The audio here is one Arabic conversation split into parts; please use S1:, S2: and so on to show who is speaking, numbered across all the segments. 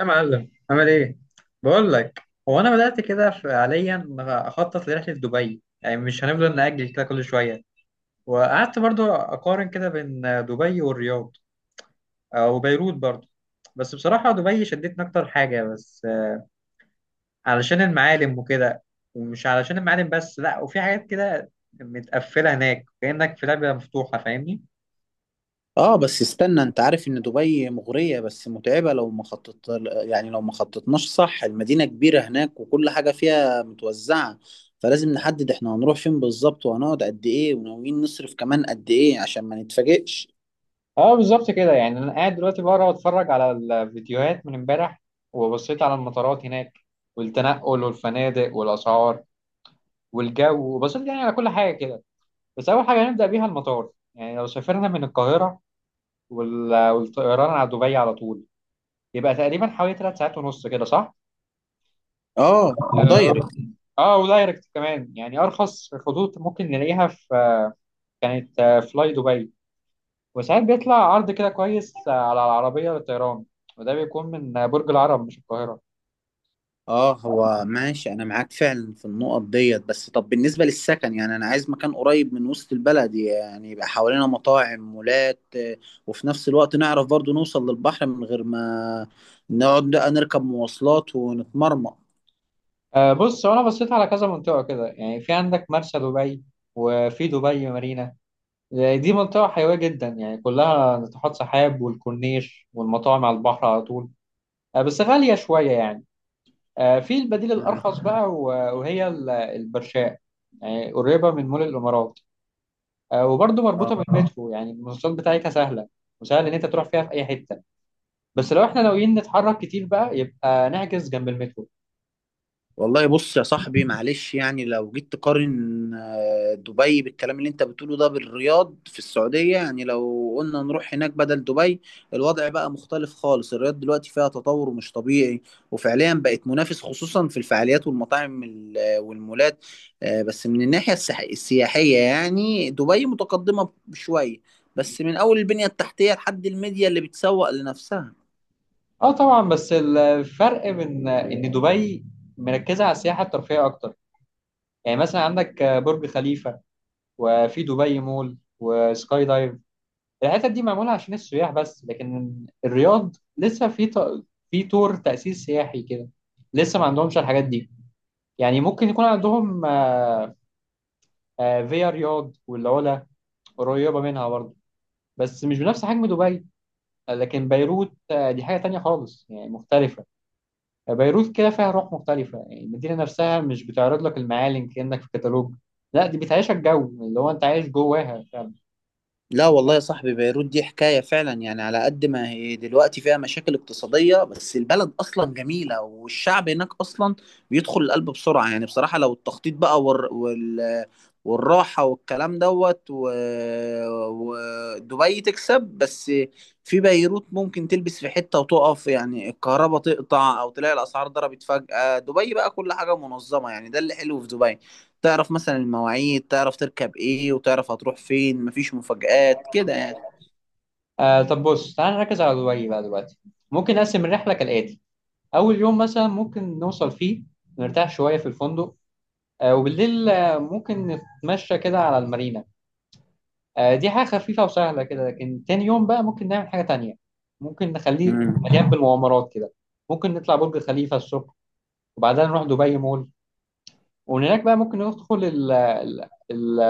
S1: يا معلم، عامل ايه؟ بقول لك. هو انا بدات كده فعليا اخطط لرحله دبي، يعني مش هنفضل ناجل كده كل شويه. وقعدت برضو اقارن كده بين دبي والرياض او بيروت برضو. بس بصراحه دبي شدتني اكتر حاجه، بس علشان المعالم وكده. ومش علشان المعالم بس، لا، وفي حاجات كده متقفله هناك كانك في لعبه مفتوحه، فاهمني؟
S2: اه، بس استنى، انت عارف ان دبي مغرية بس متعبة لو ما خططت. يعني لو ما خططناش صح، المدينة كبيرة هناك وكل حاجة فيها متوزعة. فلازم نحدد احنا هنروح فين بالظبط، وهنقعد قد ايه، وناويين نصرف كمان قد ايه، عشان ما نتفاجئش.
S1: اه بالظبط كده، يعني انا قاعد دلوقتي بقرا واتفرج على الفيديوهات من امبارح. وبصيت على المطارات هناك، والتنقل والفنادق والاسعار والجو، وبصيت يعني على كل حاجه كده. بس اول حاجه هنبدا بيها المطار، يعني لو سافرنا من القاهره والطيران على دبي على طول، يبقى تقريبا حوالي 3 ساعات ونص كده، صح؟
S2: اه،
S1: اه،
S2: ودايركت.
S1: ودايركت كمان، يعني ارخص خطوط ممكن نلاقيها في كانت فلاي دبي. وساعات بيطلع عرض كده كويس على العربية للطيران، وده بيكون من برج العرب مش القاهرة.
S2: اه، هو ماشي انا معاك فعلا في النقط ديت. بس طب بالنسبة للسكن، يعني انا عايز مكان قريب من وسط البلد، يعني يبقى حوالينا مطاعم مولات، وفي نفس الوقت نعرف برضو نوصل للبحر من غير ما نقعد بقى نركب مواصلات ونتمرمط.
S1: بص، هو أنا بصيت على كذا منطقة كده، يعني في عندك مرسى دبي وفي دبي مارينا. دي منطقة حيوية جدا، يعني كلها ناطحات سحاب والكورنيش والمطاعم على البحر على طول. بس غالية شوية يعني. في البديل الأرخص بقى وهي البرشاء، يعني قريبة من مول الإمارات. وبرضه
S2: مم.
S1: مربوطة بالمترو، يعني المواصلات بتاعتها سهلة وسهل إن أنت تروح فيها في أي حتة. بس لو احنا ناويين نتحرك كتير بقى، يبقى نحجز جنب المترو.
S2: والله بص يا صاحبي، معلش، يعني لو جيت تقارن دبي بالكلام اللي انت بتقوله ده بالرياض في السعودية، يعني لو قلنا نروح هناك بدل دبي، الوضع بقى مختلف خالص. الرياض دلوقتي فيها تطور مش طبيعي. وفعليا بقت منافس، خصوصا في الفعاليات والمطاعم والمولات. بس من الناحية السياحية، يعني دبي متقدمة شوية، بس من أول البنية التحتية لحد الميديا اللي بتسوق لنفسها.
S1: اه طبعا، بس الفرق من ان دبي مركزة على السياحة الترفيهية اكتر، يعني مثلا عندك برج خليفة وفي دبي مول وسكاي دايف. الحتت دي معمولة عشان السياح بس، لكن الرياض لسه في طور تأسيس سياحي كده، لسه ما عندهمش الحاجات دي. يعني ممكن يكون عندهم فيا رياض والعلا قريبة منها برضه، بس مش بنفس حجم دبي. لكن بيروت دي حاجة تانية خالص، يعني مختلفة. بيروت كده فيها روح مختلفة، يعني المدينة نفسها مش بتعرض لك المعالم كأنك في كتالوج. لا، دي بتعيشك جو اللي هو انت عايش جواها فعلا.
S2: لا والله يا صاحبي، بيروت دي حكاية فعلا. يعني على قد ما هي دلوقتي فيها مشاكل اقتصادية، بس البلد أصلا جميلة، والشعب هناك أصلا بيدخل القلب بسرعة. يعني بصراحة، لو التخطيط بقى والراحة والكلام ودبي تكسب، بس في بيروت ممكن تلبس في حتة وتقف، يعني الكهرباء تقطع أو تلاقي الأسعار ضربت فجأة. دبي بقى كل حاجة منظمة، يعني ده اللي حلو في دبي. تعرف مثلا المواعيد، تعرف تركب ايه وتعرف هتروح فين، مفيش مفاجآت كده يعني.
S1: آه طب بص، تعال نركز على دبي بقى دلوقتي. ممكن نقسم الرحلة كالآتي: أول يوم مثلا ممكن نوصل فيه، نرتاح شوية في الفندق، آه وبالليل آه ممكن نتمشى كده على المارينا. آه دي حاجة خفيفة وسهلة كده، لكن تاني يوم بقى ممكن نعمل حاجة تانية، ممكن نخليه
S2: امم
S1: مليان بالمغامرات كده. ممكن نطلع برج خليفة الصبح وبعدها نروح دبي مول، ومن هناك بقى ممكن ندخل ال ال ال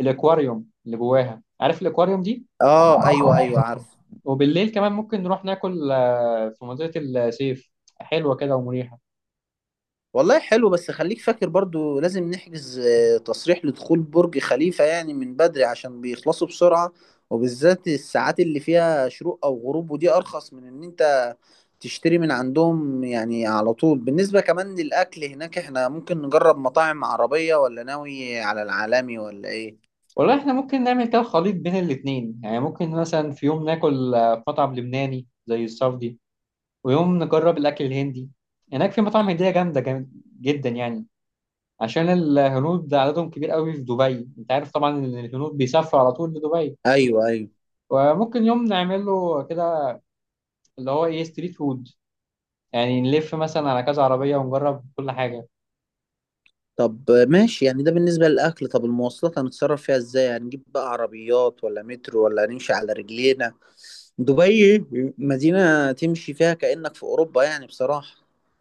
S1: الاكواريوم اللي جواها، عارف الاكواريوم دي.
S2: اه، ايوه، ايوه، عارف.
S1: وبالليل كمان ممكن نروح ناكل في منطقة السيف، حلوة كده ومريحة.
S2: والله حلو. بس خليك فاكر برضو لازم نحجز تصريح لدخول برج خليفة يعني من بدري، عشان بيخلصوا بسرعة. وبالذات الساعات اللي فيها شروق او غروب، ودي ارخص من ان انت تشتري من عندهم يعني على طول. بالنسبة كمان للاكل هناك، احنا ممكن نجرب مطاعم عربية ولا ناوي على العالمي ولا ايه؟
S1: والله احنا ممكن نعمل كده خليط بين الاتنين، يعني ممكن مثلا في يوم ناكل في مطعم لبناني زي السعودي، ويوم نجرب الأكل الهندي. هناك في مطاعم هندية جامدة جدا يعني، عشان الهنود عددهم كبير قوي في دبي، انت عارف طبعا ان الهنود بيسافروا على طول لدبي.
S2: ايوه، ايوه.
S1: وممكن يوم نعمله كده اللي هو ايه ستريت فود، يعني نلف مثلا على كذا عربية ونجرب كل حاجة.
S2: طب ماشي، يعني ده بالنسبة للأكل. طب المواصلات هنتصرف فيها إزاي؟ هنجيب بقى عربيات ولا مترو ولا هنمشي على رجلينا؟ دبي مدينة تمشي فيها كأنك في أوروبا، يعني بصراحة.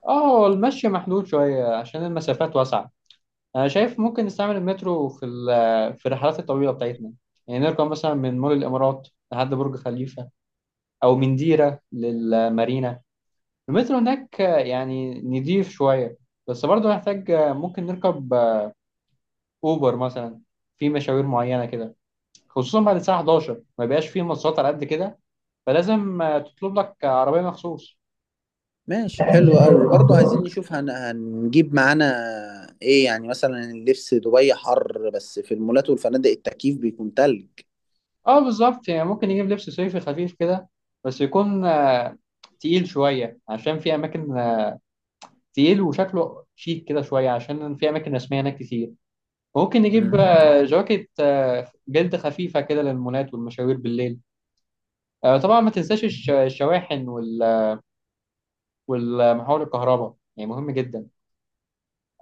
S1: اه، هو المشي محدود شوية عشان المسافات واسعة. انا شايف ممكن نستعمل المترو في الرحلات الطويلة بتاعتنا، يعني نركب مثلا من مول الامارات لحد برج خليفة، او من ديرة للمارينا. المترو هناك يعني نضيف شوية، بس برضه محتاج ممكن نركب اوبر مثلا في مشاوير معينة كده، خصوصا بعد الساعة 11 ما بيبقاش فيه مواصلات على قد كده، فلازم تطلب لك عربية مخصوص.
S2: ماشي، حلو قوي. برضو عايزين نشوف هنجيب معانا إيه؟ يعني مثلا اللبس، دبي حر بس في المولات والفنادق التكييف بيكون تلج.
S1: اه بالظبط، يعني ممكن يجيب لبس صيفي خفيف كده، بس يكون تقيل شوية عشان في أماكن تقيل وشكله شيك كده شوية عشان في أماكن رسمية هناك كتير. ممكن نجيب جواكت جلد خفيفة كده للمولات والمشاوير بالليل. طبعا ما تنساش الشواحن والمحول الكهرباء، يعني مهم جدا.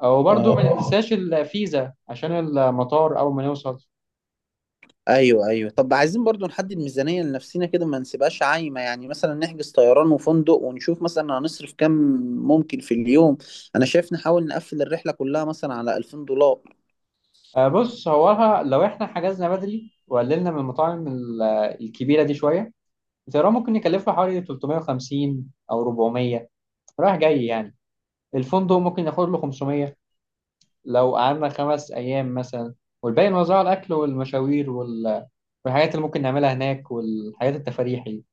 S1: وبرده
S2: مم.
S1: ما ننساش الفيزا عشان المطار أول ما نوصل.
S2: ايوه، ايوه. طب عايزين برضو نحدد ميزانية لنفسينا كده، ما نسيبهاش عايمة. يعني مثلا نحجز طيران وفندق، ونشوف مثلا هنصرف كام ممكن في اليوم. انا شايف نحاول نقفل الرحلة كلها مثلا على 2000 دولار.
S1: بص، هو لو احنا حجزنا بدري وقللنا من المطاعم الكبيرة دي شوية، الطيران ممكن يكلفه حوالي 350 أو 400 رايح جاي يعني. الفندق ممكن ياخد له 500 لو قعدنا 5 أيام مثلا، والباقي نوزعه على الأكل والمشاوير والحاجات اللي ممكن نعملها هناك والحاجات التفاريح دي.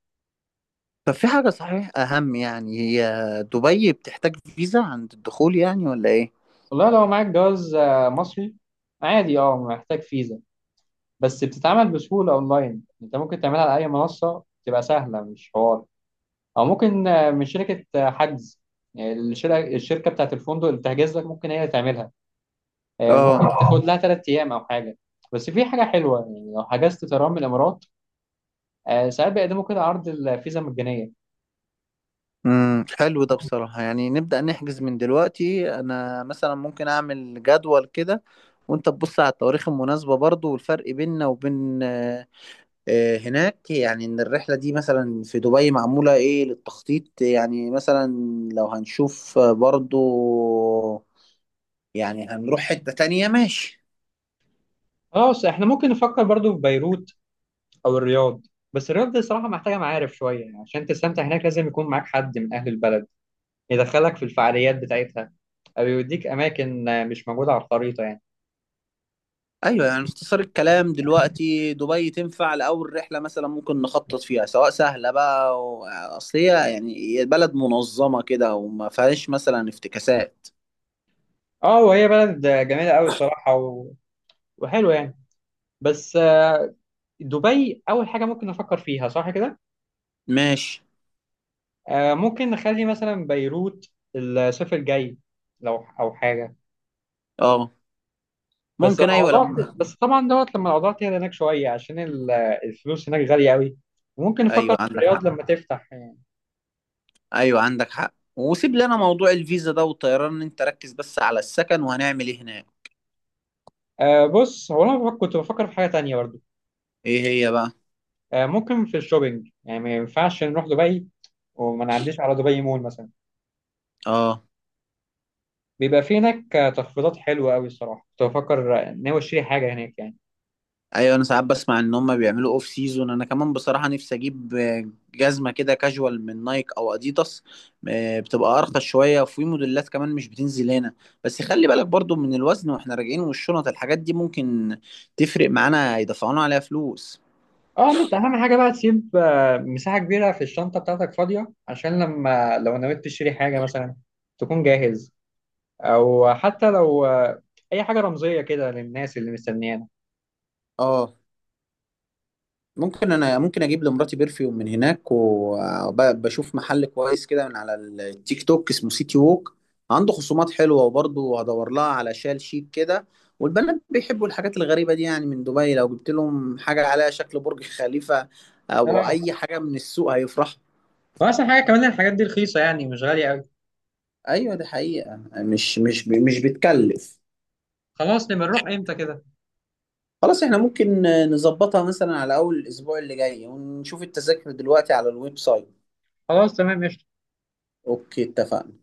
S2: طب في حاجة صحيح اهم، يعني هي دبي بتحتاج فيزا عند الدخول يعني ولا ايه؟
S1: والله لو معاك جواز مصري عادي، اه محتاج فيزا، بس بتتعمل بسهولة أونلاين، أنت ممكن تعملها على أي منصة تبقى سهلة، مش حوار. أو ممكن من شركة حجز، يعني الشركة بتاعت الفندق اللي بتحجز لك ممكن هي تعملها. ممكن
S2: اه.
S1: تاخد لها 3 ايام او حاجه. بس في حاجه حلوه، يعني لو حجزت طيران من الامارات، ساعات بيقدموا كده عرض الفيزا مجانيه.
S2: حلو ده بصراحة. يعني نبدأ نحجز من دلوقتي، انا مثلا ممكن اعمل جدول كده. وانت تبص على التواريخ المناسبة برضو، والفرق بيننا وبين هناك. يعني ان الرحله دي مثلا في دبي معموله ايه للتخطيط، يعني مثلا لو هنشوف برضو يعني هنروح حته تانية، ماشي.
S1: خلاص، احنا ممكن نفكر برضو في بيروت او الرياض. بس الرياض دي صراحه محتاجه معارف شويه، يعني عشان تستمتع هناك لازم يكون معاك حد من اهل البلد يدخلك في الفعاليات بتاعتها، او يوديك اماكن مش موجوده على الخريطه يعني.
S2: ايوه، يعني اختصار الكلام دلوقتي، دبي تنفع لاول رحله مثلا ممكن نخطط فيها، سواء سهله بقى اصل هي، يعني هي بلد منظمه كده وما فيهاش مثلا افتكاسات.
S1: اه، وهي بلد جميله قوي الصراحه وحلوه يعني. بس دبي اول حاجه ممكن نفكر فيها، صح كده.
S2: ماشي.
S1: ممكن نخلي مثلا بيروت الصيف الجاي لو او حاجه.
S2: اه،
S1: بس
S2: ممكن، ايوه،
S1: الموضوع
S2: لما...
S1: بس طبعا دوت لما الاوضاع تهدى هناك شويه، عشان الفلوس هناك غاليه قوي، وممكن نفكر
S2: ايوه،
S1: في
S2: عندك حق.
S1: الرياض لما تفتح يعني.
S2: ايوه، عندك حق. وسيب لنا موضوع الفيزا ده والطيران، إن انت ركز بس على السكن وهنعمل ايه هناك.
S1: آه بص، هو انا كنت بفكر في حاجه تانية برضو.
S2: ايه هي بقى؟
S1: آه ممكن في الشوبينج، يعني ما ينفعش نروح دبي وما نعديش على دبي مول مثلا.
S2: اه.
S1: بيبقى في هناك تخفيضات حلوه قوي الصراحه، كنت بفكر ناوي اشتري حاجه هناك يعني.
S2: ايوه، انا ساعات بسمع ان هم بيعملوا اوف سيزون. انا كمان بصراحه نفسي اجيب جزمه كده كاجوال من نايك او اديداس، بتبقى ارخص شويه، وفي موديلات كمان مش بتنزل هنا. بس خلي بالك برضو من الوزن واحنا راجعين، والشنط الحاجات دي ممكن تفرق معانا يدفعونا عليها فلوس.
S1: اه، بس اهم حاجه بقى تسيب مساحه كبيره في الشنطه بتاعتك فاضيه، عشان لما لو نويت تشتري حاجه مثلا تكون جاهز، او حتى لو اي حاجه رمزيه كده للناس اللي مستنيانا.
S2: اه، ممكن، انا ممكن اجيب لمراتي برفيوم من هناك، وبشوف محل كويس كده من على التيك توك اسمه سيتي ووك. عنده خصومات حلوه، وبرضه هدور لها على شال شيك كده. والبنات بيحبوا الحاجات الغريبه دي، يعني من دبي لو جبت لهم حاجه عليها شكل برج خليفه او
S1: اه،
S2: اي حاجه من السوق هيفرحوا.
S1: واحسن حاجه كمان الحاجات دي رخيصه، يعني مش غاليه قوي.
S2: ايوه، دي حقيقه مش بتكلف.
S1: خلاص، نبقى نروح امتى كده؟
S2: خلاص، احنا ممكن نظبطها مثلا على اول الاسبوع اللي جاي ونشوف التذاكر دلوقتي على الويب سايت.
S1: خلاص تمام قشطة.
S2: اوكي، اتفقنا.